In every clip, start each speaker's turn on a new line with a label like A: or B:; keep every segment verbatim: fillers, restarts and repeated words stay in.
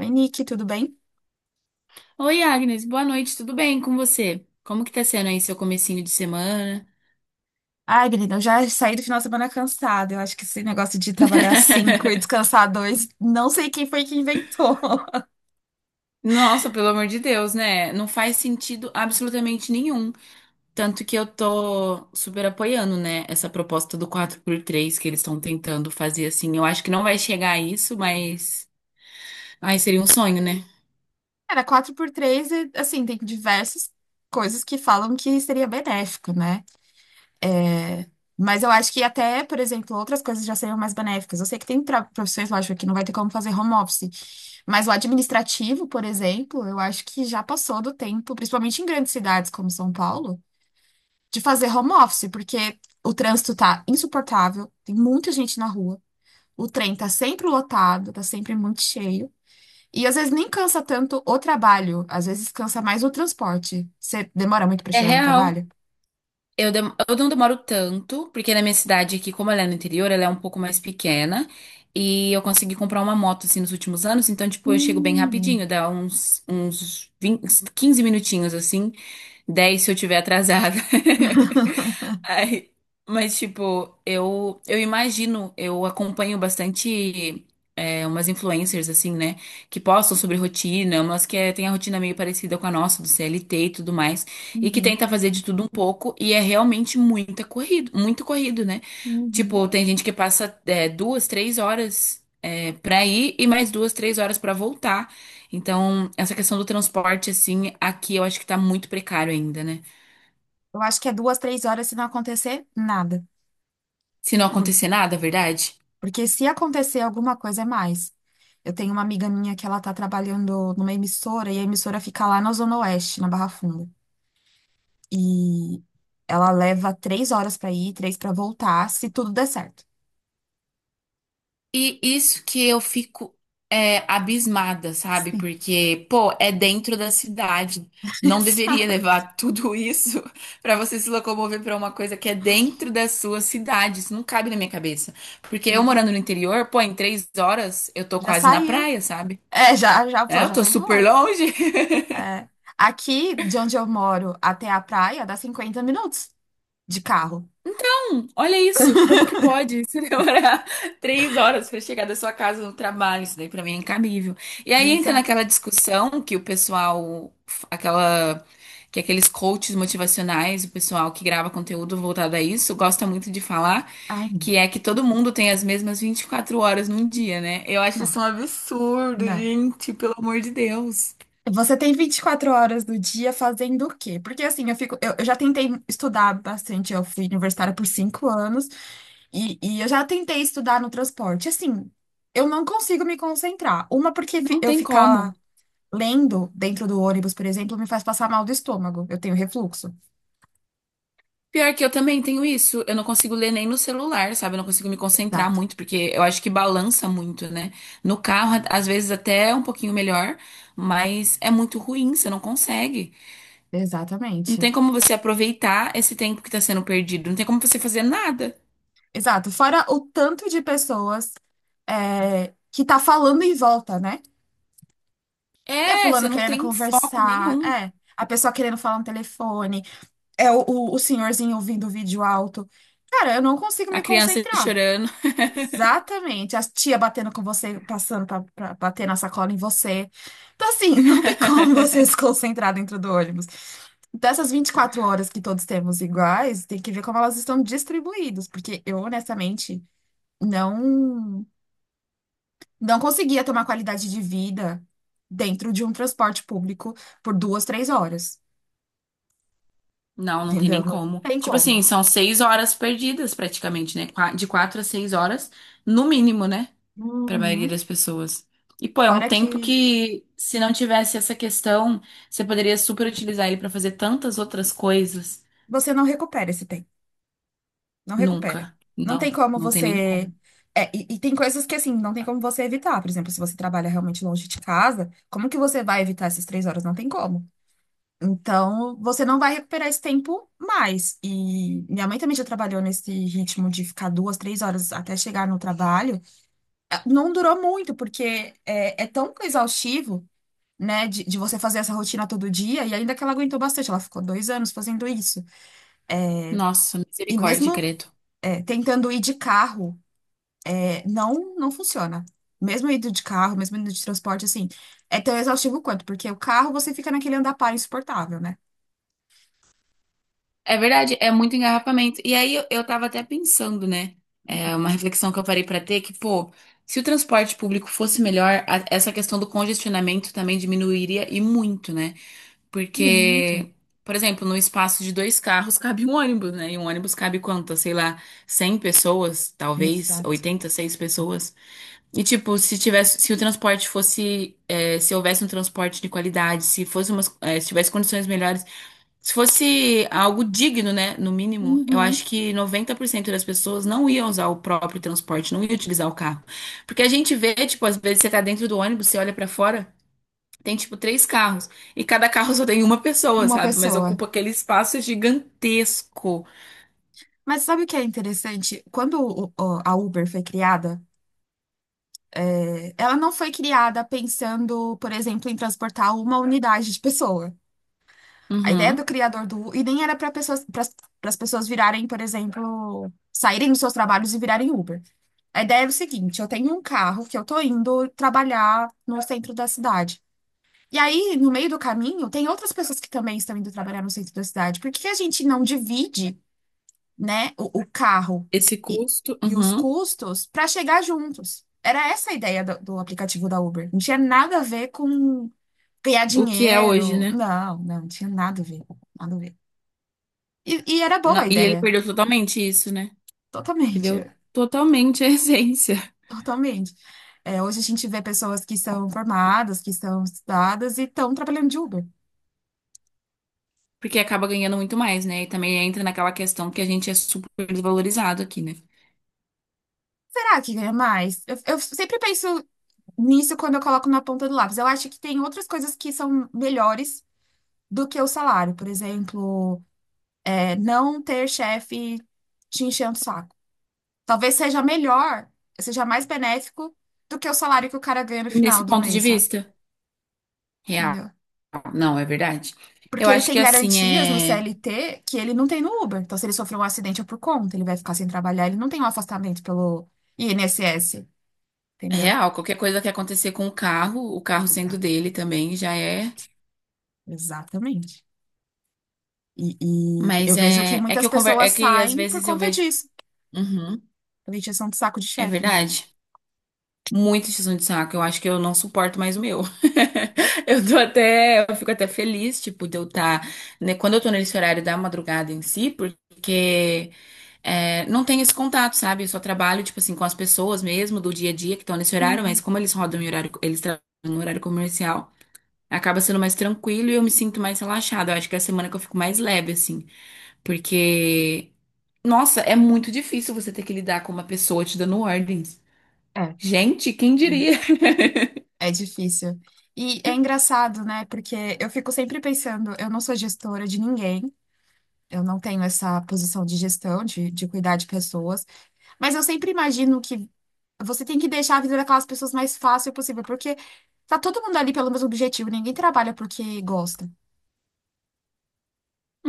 A: Oi, Nick, tudo bem?
B: Oi, Agnes, boa noite, tudo bem com você? Como que tá sendo aí seu comecinho de semana?
A: Ai, menina, eu já saí do final de semana cansada. Eu acho que esse negócio de trabalhar cinco e descansar dois, não sei quem foi que inventou.
B: Nossa, pelo amor de Deus, né? Não faz sentido absolutamente nenhum. Tanto que eu tô super apoiando, né? Essa proposta do quatro por três que eles estão tentando fazer assim. Eu acho que não vai chegar a isso, mas. Ai, seria um sonho, né?
A: Era quatro por três e, assim, tem diversas coisas que falam que seria benéfico, né? É, Mas eu acho que até, por exemplo, outras coisas já seriam mais benéficas. Eu sei que tem tra- profissões, lógico, que não vai ter como fazer home office. Mas o administrativo, por exemplo, eu acho que já passou do tempo, principalmente em grandes cidades como São Paulo, de fazer home office, porque o trânsito tá insuportável, tem muita gente na rua, o trem tá sempre lotado, tá sempre muito cheio. E às vezes nem cansa tanto o trabalho, às vezes cansa mais o transporte. Você demora muito pra
B: É
A: chegar no
B: real.
A: trabalho?
B: Eu, dem- eu não demoro tanto, porque na minha cidade aqui, como ela é no interior, ela é um pouco mais pequena. E eu consegui comprar uma moto, assim, nos últimos anos. Então, tipo, eu chego bem
A: Hum,
B: rapidinho. Dá uns, uns vinte, uns minutinhos, assim, dez se eu tiver atrasada. Aí, mas, tipo, eu, eu imagino, eu acompanho bastante é, umas influencers, assim, né? Que postam sobre rotina, umas que é, tem a rotina meio parecida com a nossa, do C L T e tudo mais. E que
A: uhum,
B: tenta fazer de tudo um pouco, e é realmente muita corrido, muito corrido, né?
A: uhum.
B: Tipo, tem gente que passa é, duas, três horas é, pra ir e mais duas, três horas pra voltar. Então, essa questão do transporte, assim, aqui eu acho que tá muito precário ainda, né?
A: Eu acho que é duas, três horas se não acontecer nada.
B: Se não
A: Por-
B: acontecer nada, é verdade?
A: Porque se acontecer alguma coisa é mais. Eu tenho uma amiga minha que ela tá trabalhando numa emissora e a emissora fica lá na Zona Oeste, na Barra Funda. E ela leva três horas pra ir, três pra voltar, se tudo der certo.
B: E isso que eu fico é, abismada, sabe?
A: Sim.
B: Porque, pô, é dentro da cidade. Não deveria
A: Exato.
B: levar tudo isso pra você se locomover pra uma coisa que é dentro da sua cidade. Isso não cabe na minha cabeça. Porque eu morando
A: Exato.
B: no interior, pô, em três horas eu tô
A: Já
B: quase na
A: saiu.
B: praia, sabe?
A: É, já, já
B: É,
A: foi,
B: eu
A: já
B: tô
A: foi
B: super
A: embora.
B: longe.
A: É. Aqui, de onde eu moro até a praia, dá cinquenta minutos de carro.
B: Olha isso, como que pode se demorar três horas para chegar da sua casa no trabalho? Isso daí para mim é incabível. E aí entra
A: Exato.
B: naquela discussão que o pessoal, aquela, que aqueles coaches motivacionais, o pessoal que grava conteúdo voltado a isso, gosta muito de falar,
A: Ai, não,
B: que é que todo mundo tem as mesmas vinte e quatro horas num dia, né? Eu acho
A: não.
B: isso um absurdo,
A: Não.
B: gente, pelo amor de Deus.
A: Você tem vinte e quatro horas do dia fazendo o quê? Porque assim, eu fico, eu, eu já tentei estudar bastante, eu fui universitária por cinco anos, E, e eu já tentei estudar no transporte. Assim, eu não consigo me concentrar. Uma, porque fi-
B: Não
A: eu
B: tem como.
A: ficar lendo dentro do ônibus, por exemplo, me faz passar mal do estômago. Eu tenho refluxo.
B: Pior que eu também tenho isso. Eu não consigo ler nem no celular, sabe? Eu não consigo me concentrar
A: Exato.
B: muito, porque eu acho que balança muito, né? No carro, a- às vezes até é um pouquinho melhor, mas é muito ruim, você não consegue. Não
A: Exatamente.
B: tem como você aproveitar esse tempo que tá sendo perdido. Não tem como você fazer nada.
A: Exato. Fora o tanto de pessoas é, que tá falando em volta, né? É
B: É,
A: fulano
B: você não
A: querendo
B: tem foco
A: conversar,
B: nenhum.
A: é. A pessoa querendo falar no telefone, é o, o, o senhorzinho ouvindo o vídeo alto. Cara, eu não consigo
B: A
A: me
B: criança
A: concentrar.
B: chorando.
A: Exatamente. A tia batendo com você, passando pra, pra bater na sacola em você. Então, assim, não tem como você se concentrar dentro do ônibus. Dessas quatro horas que todos temos iguais, tem que ver como elas estão distribuídas, porque eu, honestamente, não, não conseguia tomar qualidade de vida dentro de um transporte público por duas, três horas.
B: Não, não tem nem
A: Entendeu? Não
B: como.
A: tem
B: Tipo assim,
A: como.
B: são seis horas perdidas praticamente, né? Qua- De quatro a seis horas, no mínimo, né? Para a maioria
A: Uhum.
B: das pessoas. E, pô, é um
A: Fora
B: tempo
A: que
B: que, se não tivesse essa questão, você poderia super utilizar ele para fazer tantas outras coisas.
A: você não recupera esse tempo. Não recupera.
B: Nunca.
A: Não tem
B: Não,
A: como
B: não tem nem
A: você.
B: como.
A: É, e, e tem coisas que, assim, não tem como você evitar. Por exemplo, se você trabalha realmente longe de casa, como que você vai evitar essas três horas? Não tem como. Então, você não vai recuperar esse tempo mais. E minha mãe também já trabalhou nesse ritmo de ficar duas, três horas até chegar no trabalho. Eh, Não durou muito, porque é, é tão exaustivo, né, de, de você fazer essa rotina todo dia. E ainda que ela aguentou bastante, ela ficou dois anos fazendo isso.
B: Nossa,
A: E
B: misericórdia,
A: mesmo
B: Creto.
A: é, tentando ir de carro. Não, não funciona. Mesmo indo de carro, mesmo indo de transporte, assim, é tão exaustivo quanto, porque o carro você fica naquele andar par insuportável, né?
B: É verdade, é muito engarrafamento. E aí eu, eu tava até pensando, né? É uma reflexão que eu parei para ter que, pô, se o transporte público fosse melhor, a- essa questão do congestionamento também diminuiria e muito, né?
A: Muito.
B: Porque, por exemplo, no espaço de dois carros cabe um ônibus, né? E um ônibus cabe quantas? Sei lá, cem pessoas, talvez,
A: Exato.
B: oitenta e seis pessoas. E, tipo, se tivesse, se o transporte fosse, é, se houvesse um transporte de qualidade, se fosse umas, é, se tivesse condições melhores, se fosse algo digno, né? No mínimo, eu
A: Uhum.
B: acho que noventa por cento das pessoas não iam usar o próprio transporte, não iam utilizar o carro. Porque a gente vê, tipo, às vezes você tá dentro do ônibus, você olha pra fora. Tem tipo três carros. E cada carro só tem uma pessoa,
A: Uma
B: sabe? Mas
A: pessoa.
B: ocupa aquele espaço gigantesco.
A: Mas sabe o que é interessante? Quando o- o- a Uber foi criada, é, ela não foi criada pensando, por exemplo, em transportar uma unidade de pessoa. A ideia do
B: Uhum.
A: criador do e nem era para pessoas, para as pessoas virarem, por exemplo, saírem dos seus trabalhos e virarem Uber. A ideia é o seguinte, eu tenho um carro que eu tô indo trabalhar no centro da cidade. E aí, no meio do caminho, tem outras pessoas que também estão indo trabalhar no centro da cidade. Por que que a gente não divide, né, o, o carro
B: Esse
A: e,
B: custo,
A: e os
B: uhum.
A: custos para chegar juntos? Era essa a ideia do, do aplicativo da Uber. Não tinha nada a ver com ganhar
B: O que é hoje,
A: dinheiro.
B: né?
A: Não, não, tinha nada a ver. Nada a ver. E, e era boa
B: Na-
A: a
B: E ele
A: ideia,
B: perdeu totalmente isso, né? Perdeu
A: totalmente.
B: totalmente a essência.
A: Totalmente. É, hoje a gente vê pessoas que são formadas, que são estudadas e estão trabalhando de Uber.
B: Porque acaba ganhando muito mais, né? E também entra naquela questão que a gente é super desvalorizado aqui, né?
A: Será que ganha mais? Eu, eu sempre penso nisso quando eu coloco na ponta do lápis. Eu acho que tem outras coisas que são melhores do que o salário. Por exemplo, é, não ter chefe te enchendo o saco. Talvez seja melhor, seja mais benéfico do que o salário que o cara ganha no final
B: Nesse
A: do
B: ponto de
A: mês, sabe?
B: vista. Real.
A: Entendeu?
B: Não, é verdade. Eu
A: Porque ele
B: acho que
A: tem
B: assim
A: garantias no
B: é.
A: C L T que ele não tem no Uber. Então, se ele sofrer um acidente é por conta, ele vai ficar sem trabalhar, ele não tem um afastamento pelo I N S S,
B: É
A: entendeu?
B: real, qualquer coisa que acontecer com o carro, o carro sendo
A: Exato.
B: dele também já é.
A: Exatamente. E, e eu
B: Mas
A: vejo que
B: é, é que
A: muitas
B: eu conver... é
A: pessoas
B: que às
A: saem por
B: vezes eu
A: conta
B: vejo.
A: disso.
B: Uhum,
A: A Vitiação de saco de
B: é
A: chefe, né?
B: verdade. Muito tiozão de saco. Eu acho que eu não suporto mais o meu. Eu tô até. Eu fico até feliz, tipo, de eu estar. Né, quando eu tô nesse horário da madrugada em si, porque é, não tem esse contato, sabe? Eu só trabalho, tipo assim, com as pessoas mesmo do dia a dia que estão nesse horário,
A: Uhum.
B: mas como eles rodam em horário, eles trabalham no horário comercial, acaba sendo mais tranquilo e eu me sinto mais relaxada. Eu acho que é a semana que eu fico mais leve, assim. Porque, nossa, é muito difícil você ter que lidar com uma pessoa te dando ordens.
A: É.
B: Gente, quem diria?
A: É difícil. E é engraçado, né? Porque eu fico sempre pensando, eu não sou gestora de ninguém, eu não tenho essa posição de gestão, de, de cuidar de pessoas, mas eu sempre imagino que você tem que deixar a vida daquelas pessoas mais fácil possível, porque tá todo mundo ali pelo mesmo objetivo, ninguém trabalha porque gosta,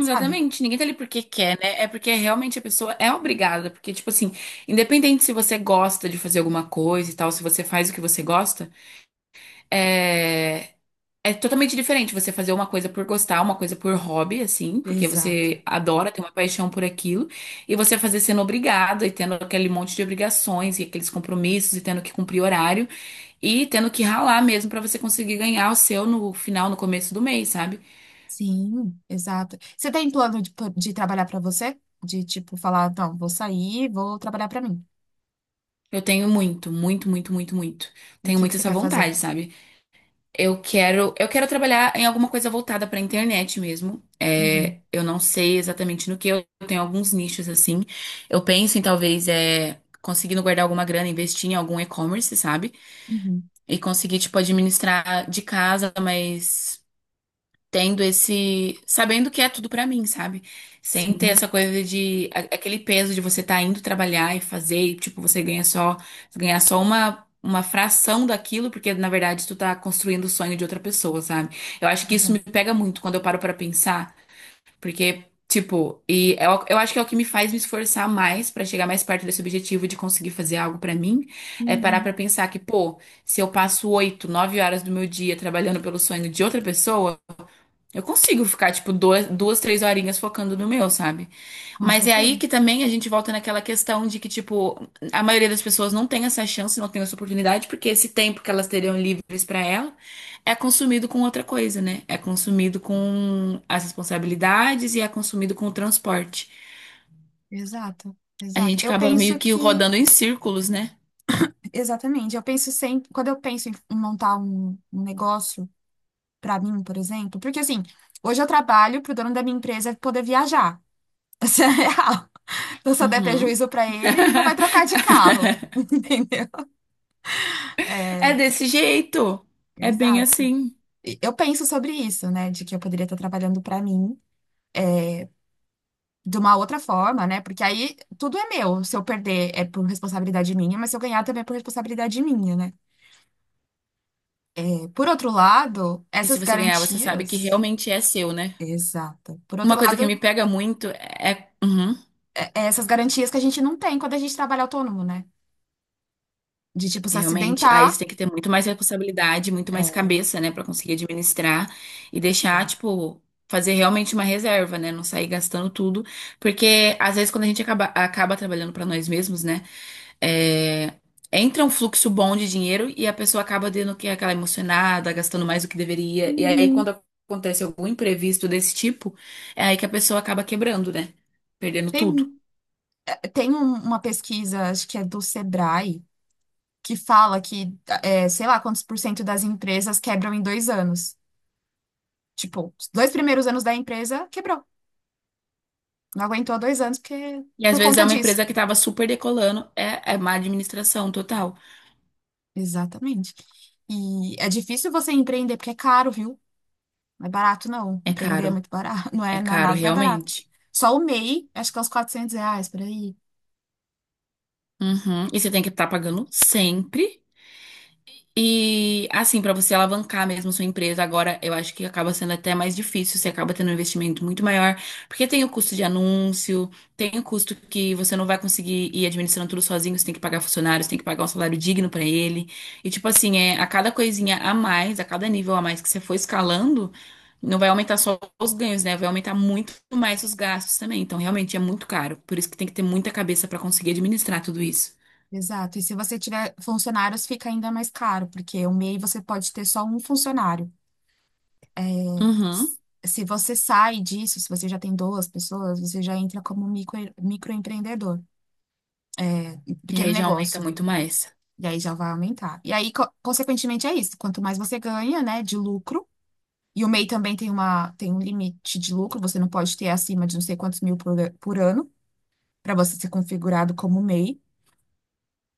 A: sabe?
B: ninguém tá ali porque quer, né? É porque realmente a pessoa é obrigada. Porque, tipo assim, independente se você gosta de fazer alguma coisa e tal, se você faz o que você gosta, é. É totalmente diferente você fazer uma coisa por gostar, uma coisa por hobby, assim, porque
A: Exato.
B: você adora, tem uma paixão por aquilo, e você fazer sendo obrigado e tendo aquele monte de obrigações e aqueles compromissos e tendo que cumprir horário e tendo que ralar mesmo pra você conseguir ganhar o seu no final, no começo do mês, sabe?
A: Sim, exato. Você tem plano de, de trabalhar pra você? De tipo falar, não, vou sair, vou trabalhar pra mim.
B: Eu tenho muito, muito, muito, muito, muito.
A: E o
B: Tenho
A: que que
B: muito
A: você
B: essa
A: quer fazer?
B: vontade, sabe? Eu quero, eu quero trabalhar em alguma coisa voltada para a internet mesmo. É,
A: Uhum.
B: eu não sei exatamente no que eu tenho alguns nichos assim. Eu penso em talvez é, conseguindo guardar alguma grana, investir em algum e-commerce, sabe?
A: Uhum.
B: E conseguir tipo administrar de casa, mas tendo esse, sabendo que é tudo pra mim, sabe? Sem ter
A: Sim,
B: essa coisa de a- aquele peso de você tá indo trabalhar e fazer, e, tipo, você ganha só, ganhar só uma uma fração daquilo, porque na verdade tu tá construindo o sonho de outra pessoa, sabe? Eu acho que isso me
A: exato.
B: pega muito quando eu paro pra pensar, porque tipo, e é o- eu acho que é o que me faz me esforçar mais pra chegar mais perto desse objetivo de conseguir fazer algo pra mim, é parar
A: Uhum.
B: pra pensar que, pô, se eu passo oito, nove horas do meu dia trabalhando pelo sonho de outra pessoa, eu consigo ficar, tipo, duas, duas, três horinhas focando no meu, sabe?
A: Com
B: Mas é aí
A: certeza.
B: que também a gente volta naquela questão de que, tipo, a maioria das pessoas não tem essa chance, não tem essa oportunidade, porque esse tempo que elas teriam livres pra ela é consumido com outra coisa, né? É consumido com as responsabilidades e é consumido com o transporte.
A: Exato,
B: A
A: exato.
B: gente
A: Eu
B: acaba
A: penso
B: meio que
A: que,
B: rodando em círculos, né?
A: exatamente, eu penso sempre, quando eu penso em montar um um negócio pra mim, por exemplo? Porque assim, hoje eu trabalho pro dono da minha empresa poder viajar. Isso é real. Então, se eu der
B: Uhum.
A: prejuízo pra ele, ele não vai trocar de carro. Entendeu?
B: É
A: É,
B: desse jeito. É bem
A: exato.
B: assim.
A: E eu penso sobre isso, né? De que eu poderia estar trabalhando pra mim de uma outra forma, né? Porque aí tudo é meu. Se eu perder é por responsabilidade minha, mas se eu ganhar também é por responsabilidade minha, né? Por outro lado,
B: E se
A: essas
B: você ganhar, você sabe que
A: garantias.
B: realmente é seu, né?
A: Exato. Por
B: Uma
A: outro
B: coisa que
A: lado,
B: me pega muito é, uhum,
A: é- é essas garantias que a gente não tem quando a gente trabalha autônomo, né? De tipo se
B: realmente, aí você
A: acidentar.
B: tem que ter muito mais responsabilidade, muito mais
A: É.
B: cabeça, né, pra conseguir administrar e deixar,
A: Exato.
B: tipo, fazer realmente uma reserva, né, não sair gastando tudo, porque às vezes quando a gente acaba, acaba trabalhando pra nós mesmos, né, é, entra um fluxo bom de dinheiro e a pessoa acaba tendo que aquela emocionada, gastando mais do que deveria, e aí quando
A: Uhum.
B: acontece algum imprevisto desse tipo, é aí que a pessoa acaba quebrando, né, perdendo tudo.
A: Tem, tem um- uma pesquisa, acho que é do Sebrae, que fala que, é, sei lá, quantos por cento das empresas quebram em dois anos. Tipo, os dois primeiros anos da empresa quebrou. Não aguentou dois anos porque,
B: E às
A: por
B: vezes
A: conta
B: é uma
A: disso.
B: empresa que estava super decolando, é, é má administração total.
A: Exatamente. E é difícil você empreender porque é caro, viu? Não é barato, não.
B: É
A: Empreender é
B: caro,
A: muito barato. Não
B: é
A: é na-
B: caro
A: nada barato.
B: realmente.
A: Só o MEI, acho que é uns quatrocentos reais por aí.
B: Uhum. E você tem que estar pagando sempre. E assim, para você alavancar mesmo sua empresa agora, eu acho que acaba sendo até mais difícil, você acaba tendo um investimento muito maior, porque tem o custo de anúncio, tem o custo que você não vai conseguir ir administrando tudo sozinho, você tem que pagar funcionários, tem que pagar um salário digno para ele. E tipo assim, é a cada coisinha a mais, a cada nível a mais que você for escalando, não vai aumentar só os ganhos, né? Vai aumentar muito mais os gastos também. Então, realmente é muito caro, por isso que tem que ter muita cabeça para conseguir administrar tudo isso.
A: Exato. E se você tiver funcionários, fica ainda mais caro, porque o MEI você pode ter só um funcionário.
B: Uhum.
A: S- Se você sai disso, se você já tem duas pessoas, você já entra como micro, microempreendedor,
B: E
A: pequeno
B: aí já aumenta
A: negócio.
B: muito mais.
A: E aí já vai aumentar. E aí, co- consequentemente, é isso. Quanto mais você ganha, né, de lucro, e o MEI também tem uma, tem um limite de lucro, você não pode ter acima de não sei quantos mil por, por ano, para você ser configurado como MEI.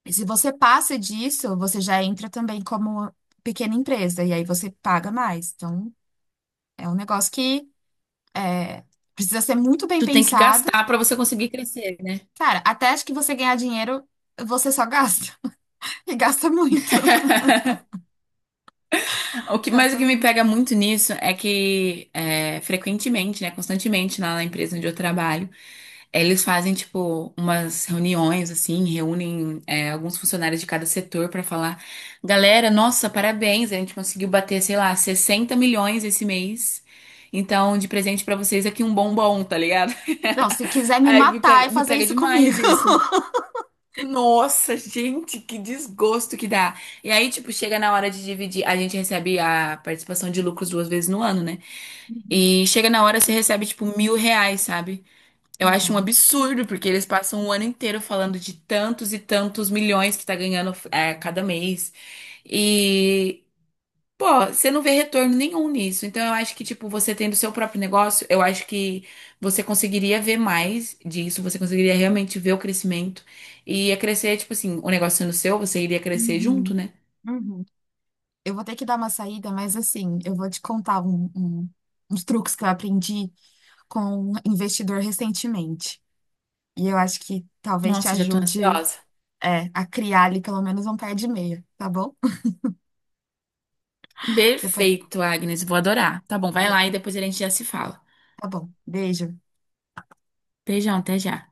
A: E se você passa disso, você já entra também como pequena empresa, e aí você paga mais. Então, é um negócio que é, precisa ser muito bem
B: Tu tem que
A: pensado.
B: gastar para você conseguir crescer, né?
A: Cara, até acho que você ganhar dinheiro, você só gasta. E gasta muito.
B: O que, mas o
A: Gasta
B: que me
A: muito.
B: pega muito nisso é que é, frequentemente, né, constantemente lá na empresa onde eu trabalho, eles fazem tipo umas reuniões assim, reúnem é, alguns funcionários de cada setor para falar, galera, nossa, parabéns, a gente conseguiu bater, sei lá, sessenta milhões esse mês. Então, de presente para vocês aqui um bombom, tá ligado?
A: Não, se quiser me
B: Aí me
A: matar,
B: pega,
A: é
B: me
A: fazer
B: pega
A: isso comigo.
B: demais isso. Nossa, gente, que desgosto que dá. E aí, tipo, chega na hora de dividir. A gente recebe a participação de lucros duas vezes no ano, né? E chega na hora, você recebe, tipo, mil reais, sabe? Eu acho um absurdo, porque eles passam o ano inteiro falando de tantos e tantos milhões que tá ganhando é, cada mês. E, pô, você não vê retorno nenhum nisso. Então, eu acho que, tipo, você tendo seu próprio negócio, eu acho que você conseguiria ver mais disso, você conseguiria realmente ver o crescimento. E ia crescer, tipo assim, o negócio sendo seu, você iria crescer junto,
A: Uhum,
B: né?
A: uhum. Eu vou ter que dar uma saída, mas assim, eu vou te contar um- um- uns truques que eu aprendi com um investidor recentemente. E eu acho que talvez te
B: Nossa, já tô
A: ajude
B: ansiosa.
A: é, a criar ali pelo menos um par de meia, tá bom? Depois,
B: Perfeito, Agnes, vou adorar. Tá bom, vai
A: de-
B: lá e depois a gente já se fala.
A: tá bom. Beijo.
B: Beijão, até já.